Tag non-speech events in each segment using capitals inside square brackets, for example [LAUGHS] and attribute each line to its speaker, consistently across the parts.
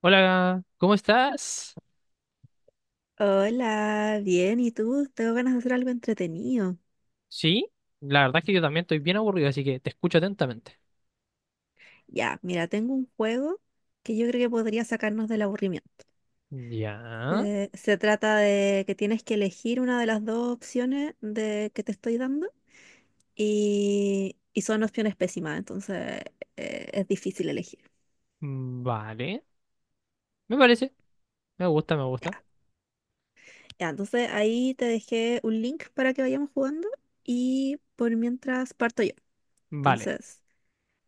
Speaker 1: Hola, ¿cómo estás?
Speaker 2: Hola, bien, ¿y tú? Tengo ganas de hacer algo entretenido.
Speaker 1: Sí, la verdad es que yo también estoy bien aburrido, así que te escucho atentamente.
Speaker 2: Ya, mira, tengo un juego que yo creo que podría sacarnos del aburrimiento.
Speaker 1: Ya,
Speaker 2: Se trata de que tienes que elegir una de las dos opciones que te estoy dando y son opciones pésimas, entonces es difícil elegir.
Speaker 1: mm, vale. Me parece, me gusta, me
Speaker 2: Ya.
Speaker 1: gusta.
Speaker 2: Ya, entonces ahí te dejé un link para que vayamos jugando y por mientras parto yo.
Speaker 1: Vale.
Speaker 2: Entonces,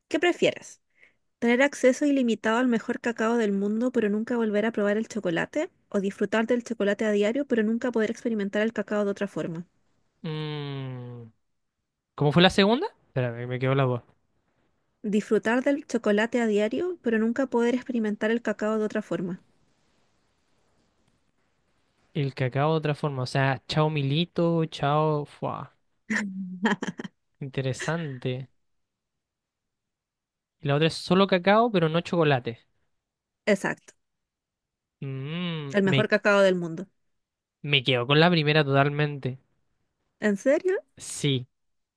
Speaker 2: ¿qué prefieres? ¿Tener acceso ilimitado al mejor cacao del mundo, pero nunca volver a probar el chocolate? ¿O disfrutar del chocolate a diario, pero nunca poder experimentar el cacao de otra forma?
Speaker 1: Mm, ¿Cómo fue la segunda? Espérame, me quedó la voz.
Speaker 2: Disfrutar del chocolate a diario, pero nunca poder experimentar el cacao de otra forma.
Speaker 1: El cacao de otra forma, o sea, chao Milito, chao. Fua, interesante. Y la otra es solo cacao, pero no chocolate.
Speaker 2: Exacto,
Speaker 1: Mm,
Speaker 2: el mejor
Speaker 1: me,
Speaker 2: cacao del mundo.
Speaker 1: me quedo con la primera totalmente.
Speaker 2: ¿En serio?
Speaker 1: Sí,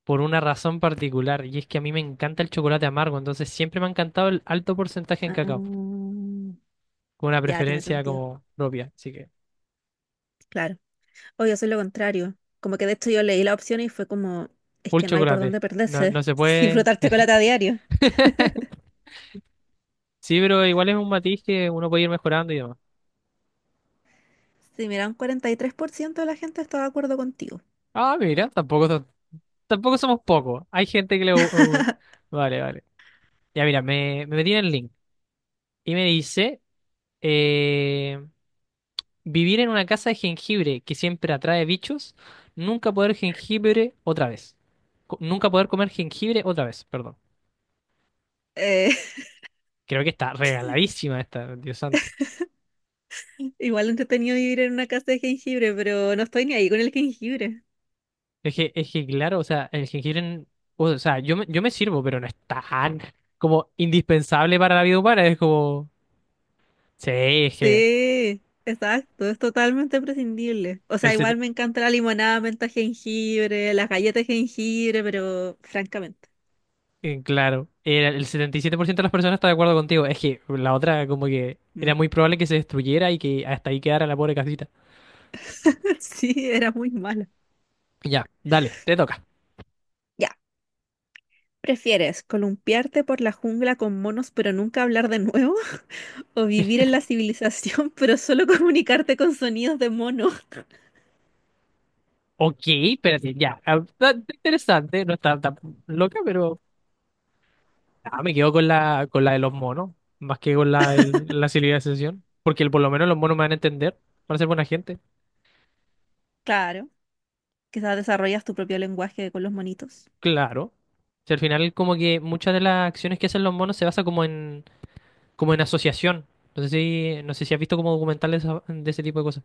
Speaker 1: por una razón particular, y es que a mí me encanta el chocolate amargo, entonces siempre me ha encantado el alto porcentaje en cacao,
Speaker 2: Ah,
Speaker 1: con una
Speaker 2: ya tiene
Speaker 1: preferencia
Speaker 2: sentido.
Speaker 1: como propia, así que
Speaker 2: Claro. O yo soy lo contrario. Como que de hecho yo leí la opción y fue como, es
Speaker 1: full
Speaker 2: que no hay por
Speaker 1: chocolate,
Speaker 2: dónde
Speaker 1: no,
Speaker 2: perderse.
Speaker 1: no se
Speaker 2: [LAUGHS]
Speaker 1: puede.
Speaker 2: Disfrutar chocolate a diario.
Speaker 1: [LAUGHS] Sí, pero igual es un matiz que uno puede ir mejorando y demás.
Speaker 2: Sí, mira, un 43% de la gente está de acuerdo contigo.
Speaker 1: Ah, mira, tampoco, tampoco somos pocos, hay gente que le, uh, vale, vale. Ya mira, me metí en el link y me dice, eh, vivir en una casa de jengibre que siempre atrae bichos. Nunca poder jengibre otra vez. Nunca poder comer jengibre otra vez, perdón.
Speaker 2: Eh,
Speaker 1: Creo que está regaladísima esta, Dios santo.
Speaker 2: Igual entretenido vivir en una casa de jengibre, pero no estoy ni ahí con el jengibre.
Speaker 1: Es que claro, o sea, el jengibre, o sea, yo me sirvo, pero no es tan como indispensable para la vida humana. Es como, sí, es que
Speaker 2: Sí, exacto, es totalmente prescindible. O
Speaker 1: el,
Speaker 2: sea, igual
Speaker 1: set-
Speaker 2: me encanta la limonada, menta, jengibre, las galletas de jengibre, pero francamente,
Speaker 1: claro, era el 77% de las personas está de acuerdo contigo. Es que la otra como que
Speaker 2: Mm.
Speaker 1: era muy probable que se destruyera y que hasta ahí quedara la pobre casita.
Speaker 2: [LAUGHS] Sí, era muy mala.
Speaker 1: Ya, dale, te toca.
Speaker 2: Ya, ¿prefieres columpiarte por la jungla con monos pero nunca hablar de nuevo? [LAUGHS] ¿O vivir en la civilización [LAUGHS] pero solo comunicarte con sonidos de mono? [LAUGHS]
Speaker 1: Ok, espérate, ya. Ah, está interesante, no está tan loca, pero ah, me quedo con la de los monos, más que de la civilización. Porque por lo menos los monos me van a entender, van a ser buena gente.
Speaker 2: Claro, quizás desarrollas tu propio lenguaje con los monitos.
Speaker 1: Claro. Si al final como que muchas de las acciones que hacen los monos se basa como en, como en asociación. No sé si has visto como documentales de ese tipo de cosas.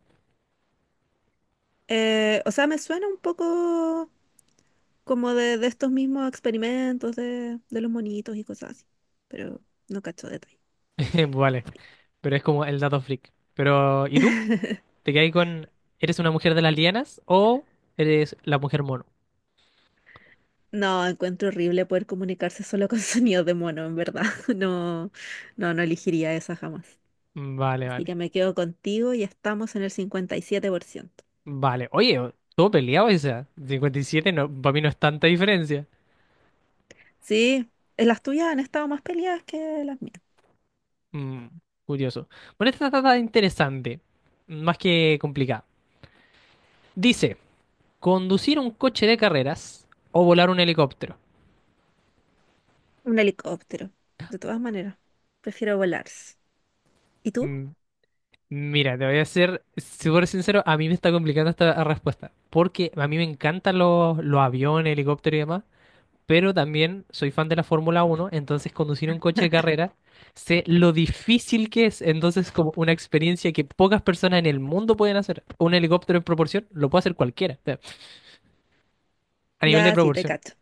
Speaker 2: O sea, me suena un poco como de estos mismos experimentos de los monitos y cosas así, pero no cacho detalle.
Speaker 1: [LAUGHS] Vale. Pero es como el dato freak. Pero, ¿y tú? ¿Te quedas eres una mujer de las lianas o eres la mujer mono?
Speaker 2: No, encuentro horrible poder comunicarse solo con [LAUGHS] sonidos de mono, en verdad. [LAUGHS] No, no, no elegiría esa jamás.
Speaker 1: Vale,
Speaker 2: Así que
Speaker 1: vale.
Speaker 2: me quedo contigo y estamos en el 57%.
Speaker 1: Vale, oye, todo peleado esa. 57 no, para mí no es tanta diferencia.
Speaker 2: Sí, las tuyas han estado más peleadas que las mías.
Speaker 1: Mm, Curioso. Bueno, esta está tan interesante, más que complicada. Dice, conducir un coche de carreras o volar un helicóptero.
Speaker 2: Un helicóptero, de todas maneras. Prefiero volar. ¿Y tú?
Speaker 1: Mm, Mira, te voy a ser súper sincero, a mí me está complicando esta respuesta, porque a mí me encantan los aviones, helicópteros y demás, pero también soy fan de la Fórmula Uno, entonces conducir un coche de carrera, sé lo difícil que es, entonces como una experiencia que pocas personas en el mundo pueden hacer. Un helicóptero en proporción lo puede hacer cualquiera, o sea, a nivel de
Speaker 2: Ya, sí, te
Speaker 1: proporción.
Speaker 2: cacho.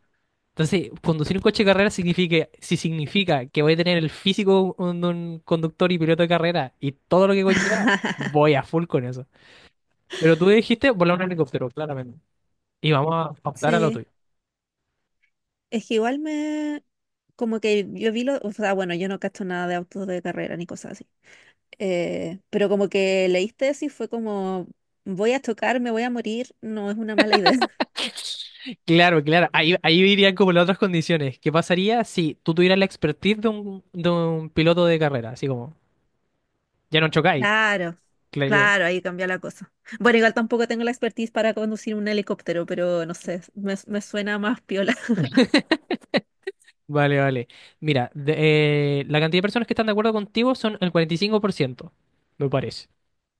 Speaker 1: Entonces, conducir un coche de carrera significa, si significa que voy a tener el físico de un conductor y piloto de carrera y todo lo que conlleva, voy a full con eso. Pero tú dijiste volar un helicóptero, claramente. Y vamos a optar a lo
Speaker 2: Sí.
Speaker 1: tuyo.
Speaker 2: Es que igual me... Como que yo vi lo... O sea, bueno, yo no cacho nada de autos de carrera ni cosas así. Pero como que leíste eso y fue como... Voy a chocar, me voy a morir. No es una mala idea. [LAUGHS]
Speaker 1: Claro, claro. Ahí irían como las otras condiciones. ¿Qué pasaría si tú tuvieras la expertise de de un piloto de carrera? Así como, ya no chocáis.
Speaker 2: Claro,
Speaker 1: Claro, ya.
Speaker 2: claro, ahí cambia la cosa. Bueno, igual tampoco tengo la expertise para conducir un helicóptero, pero no sé, me suena más piola.
Speaker 1: Vale, vale. Mira, la cantidad de personas que están de acuerdo contigo son el 45%, me parece.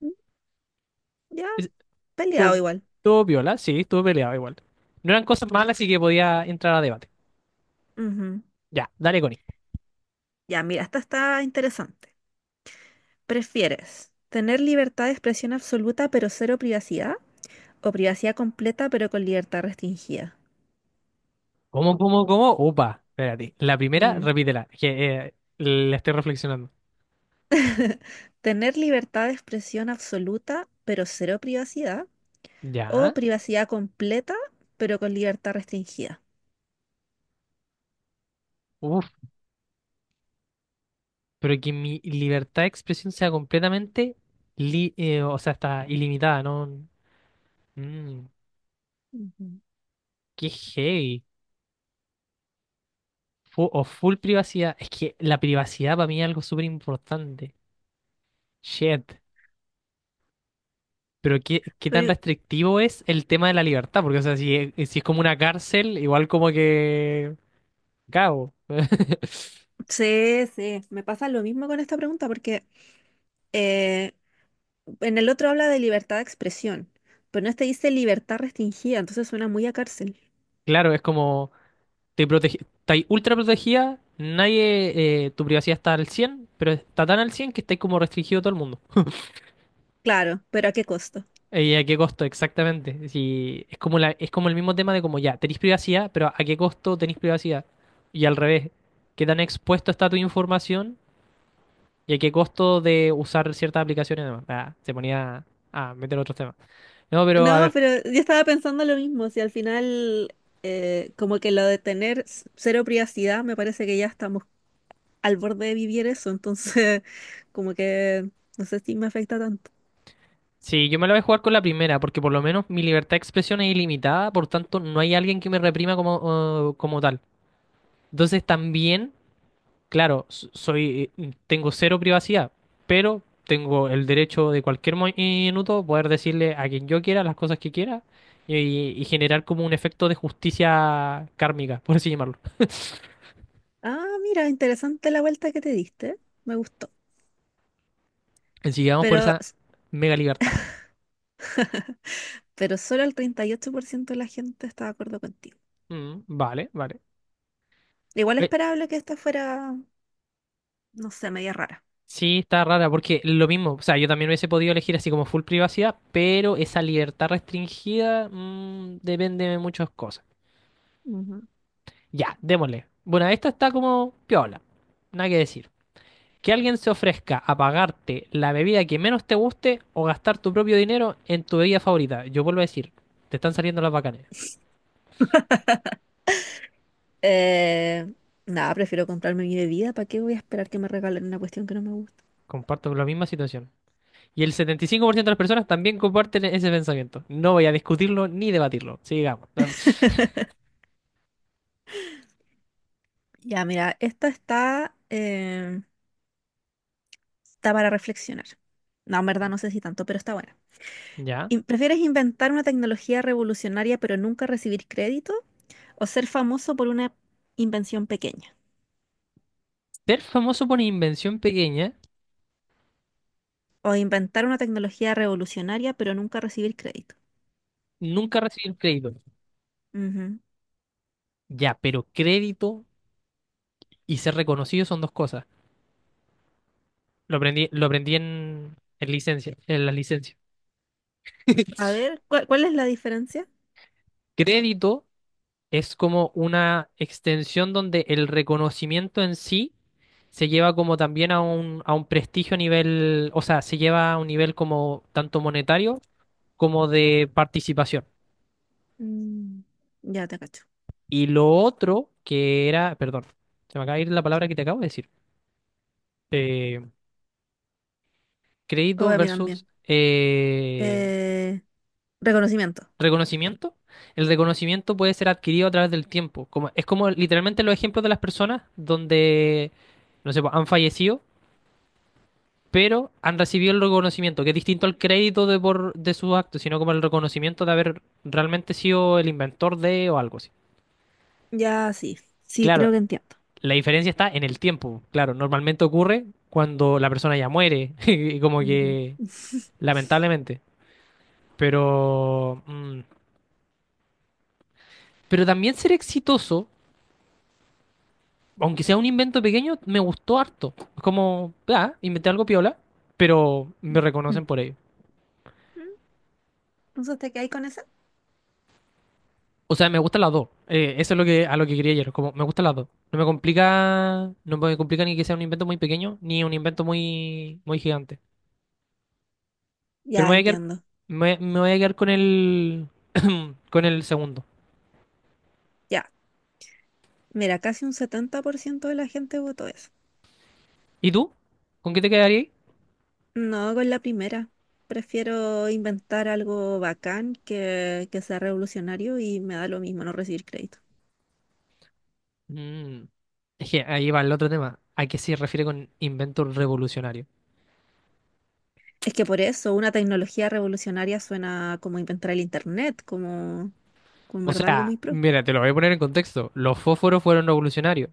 Speaker 2: [LAUGHS] Ya,
Speaker 1: Es-
Speaker 2: peleado
Speaker 1: Estuvo
Speaker 2: igual.
Speaker 1: estuvo piola, sí, estuvo peleado igual. No eran cosas malas, así que podía entrar a debate.
Speaker 2: Ujú.
Speaker 1: Ya, dale, Connie.
Speaker 2: Ya, mira, esta está interesante. ¿Prefieres tener libertad de expresión absoluta pero cero privacidad? O privacidad completa, pero con libertad restringida.
Speaker 1: ¿Cómo, cómo, cómo? Opa, espérate. La primera,
Speaker 2: Mm.
Speaker 1: repítela, que la estoy reflexionando.
Speaker 2: Tener libertad de expresión absoluta, pero cero privacidad. O
Speaker 1: Ya.
Speaker 2: privacidad completa, pero con libertad restringida.
Speaker 1: Pero que mi libertad de expresión sea completamente, o sea, está ilimitada, ¿no? Mm,
Speaker 2: Ujú.
Speaker 1: Qué heavy. O full privacidad. Es que la privacidad para mí es algo súper importante. Shit. Pero qué tan
Speaker 2: Pero-
Speaker 1: restrictivo es el tema de la libertad, porque, o sea, si es como una cárcel, igual como que. Cago. [LAUGHS]
Speaker 2: sí, sí, me pasa lo mismo con esta pregunta porque eh, en el otro habla de libertad de expresión, pero en este dice libertad restringida, entonces suena muy a cárcel.
Speaker 1: Claro, es como. Te protege, estáis ultra protegida, nadie, tu privacidad está al 100 pero está tan al 100 que estáis como restringido todo el mundo.
Speaker 2: Claro, pero ¿a qué costo?
Speaker 1: ¿Y a qué costo? Exactamente. Si es como la, es como el mismo tema de como ya, tenéis privacidad, pero ¿a qué costo tenéis privacidad? Y al revés, ¿qué tan expuesto está tu información? ¿Y a qué costo de usar ciertas aplicaciones? Además, ah, se ponía a meter otros temas. No, pero a
Speaker 2: No,
Speaker 1: ver,
Speaker 2: pero yo estaba pensando lo mismo, si al final como que lo de tener cero privacidad, me parece que ya estamos al borde de vivir eso, entonces [LAUGHS] como que no sé si me afecta tanto.
Speaker 1: si yo me la voy a jugar con la primera, porque por lo menos mi libertad de expresión es ilimitada, por tanto no hay alguien que me reprima como, como tal. Entonces también claro, soy, tengo cero privacidad, pero tengo el derecho de cualquier minuto poder decirle a quien yo quiera las cosas que quiera y, y generar como un efecto de justicia kármica, por así llamarlo.
Speaker 2: Ah, mira, interesante la vuelta que te diste, me gustó,
Speaker 1: Así que vamos por
Speaker 2: pero,
Speaker 1: esa
Speaker 2: s-
Speaker 1: mega libertad.
Speaker 2: pero solo el 38% de la gente está de acuerdo contigo.
Speaker 1: Mm, vale, vale.
Speaker 2: Igual
Speaker 1: Eh,
Speaker 2: esperable que esta fuera, no sé, media rara.
Speaker 1: sí, está rara porque lo mismo, o sea, yo también hubiese podido elegir así como full privacidad, pero esa libertad restringida depende de muchas cosas.
Speaker 2: Ujú.
Speaker 1: Ya, démosle. Bueno, esta está como piola, nada que decir. Que alguien se ofrezca a pagarte la bebida que menos te guste o gastar tu propio dinero en tu bebida favorita. Yo vuelvo a decir, te están saliendo las bacanes.
Speaker 2: Eh, nada, prefiero comprarme mi bebida, ¿para qué voy a esperar que me regalen una cuestión que no me gusta?
Speaker 1: Comparto la misma situación. Y el 75% de las personas también comparten ese pensamiento. No voy a discutirlo ni debatirlo. Sigamos.
Speaker 2: Ya, mira, esta está, está para reflexionar. No, en verdad no sé si tanto, pero está buena.
Speaker 1: Ya.
Speaker 2: ¿Prefieres inventar una tecnología revolucionaria pero nunca recibir crédito? ¿O ser famoso por una invención pequeña?
Speaker 1: Ser famoso por invención pequeña,
Speaker 2: ¿O inventar una tecnología revolucionaria pero nunca recibir crédito?
Speaker 1: nunca recibir crédito.
Speaker 2: Ujú.
Speaker 1: Ya, pero crédito y ser reconocido son dos cosas. Lo aprendí en licencia, en las licencias.
Speaker 2: A
Speaker 1: [LAUGHS]
Speaker 2: ver, ¿cuál es la diferencia?
Speaker 1: Crédito es como una extensión donde el reconocimiento en sí se lleva como también a un prestigio a nivel, o sea, se lleva a un nivel como tanto monetario como de participación.
Speaker 2: Mm, ya te cacho.
Speaker 1: Y lo otro que era, perdón, se me acaba de ir la palabra que te acabo de decir, eh,
Speaker 2: O
Speaker 1: crédito
Speaker 2: a mí
Speaker 1: versus
Speaker 2: también. Eh, reconocimiento.
Speaker 1: reconocimiento. El reconocimiento puede ser adquirido a través del tiempo. Como, es como literalmente los ejemplos de las personas donde, no sé, pues, han fallecido pero han recibido el reconocimiento, que es distinto al crédito de, por, de sus actos, sino como el reconocimiento de haber realmente sido el inventor de o algo así.
Speaker 2: Ya, sí. Sí,
Speaker 1: Claro,
Speaker 2: creo que entiendo.
Speaker 1: la diferencia está en el tiempo. Claro, normalmente ocurre cuando la persona ya muere, [LAUGHS] y como
Speaker 2: Ujú.
Speaker 1: que lamentablemente. Pero, mm, pero también ser exitoso, aunque sea un invento pequeño, me gustó harto. Es como, ah, inventé algo piola, pero me reconocen por ello.
Speaker 2: [LAUGHS] Mm. Entonces, ¿te ahí con esa?
Speaker 1: O sea, me gustan las dos. Eso es lo que, a lo que quería ayer. Como me gustan las dos. No me complica, no me complica ni que sea un invento muy pequeño, ni un invento muy, muy gigante. Pero
Speaker 2: Ya
Speaker 1: me voy a quedar,
Speaker 2: entiendo.
Speaker 1: me voy a quedar con el, [COUGHS] [CLEARS THROAT] con el segundo.
Speaker 2: Ya. Mira, casi un 70% de la gente votó eso.
Speaker 1: ¿Y tú? ¿Con qué te quedarías?
Speaker 2: No con la primera. Prefiero inventar algo bacán que sea revolucionario y me da lo mismo no recibir crédito.
Speaker 1: Mm, es que ahí va el otro tema. ¿A qué se refiere con invento revolucionario?
Speaker 2: Es que por eso una tecnología revolucionaria suena como inventar el internet, como, como en
Speaker 1: O
Speaker 2: verdad algo
Speaker 1: sea,
Speaker 2: muy pro.
Speaker 1: mira, te lo voy a poner en contexto. Los fósforos fueron revolucionarios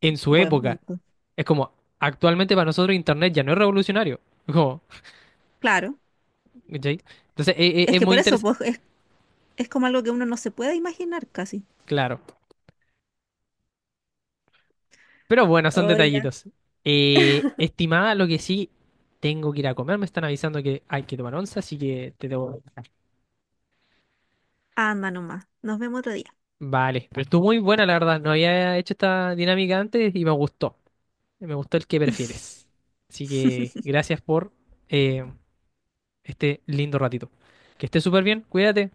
Speaker 1: en su
Speaker 2: Buen
Speaker 1: época.
Speaker 2: punto.
Speaker 1: Es como, actualmente para nosotros Internet ya no es revolucionario. Es como,
Speaker 2: Claro.
Speaker 1: ¿cachai? Entonces,
Speaker 2: Es
Speaker 1: es
Speaker 2: que
Speaker 1: muy
Speaker 2: por eso
Speaker 1: interesante.
Speaker 2: pues, es como algo que uno no se puede imaginar casi.
Speaker 1: Claro. Pero bueno, son
Speaker 2: Oye,
Speaker 1: detallitos. Estimada, lo que sí, tengo que ir a comer. Me están avisando que hay que tomar once, así que te debo.
Speaker 2: anda nomás. Nos vemos otro día.
Speaker 1: Vale. Pero estuvo muy buena, la verdad. No había hecho esta dinámica antes y me gustó. Me gustó el que prefieres.
Speaker 2: [LAUGHS]
Speaker 1: Así que gracias por eh, este lindo ratito. Que estés súper bien. Cuídate.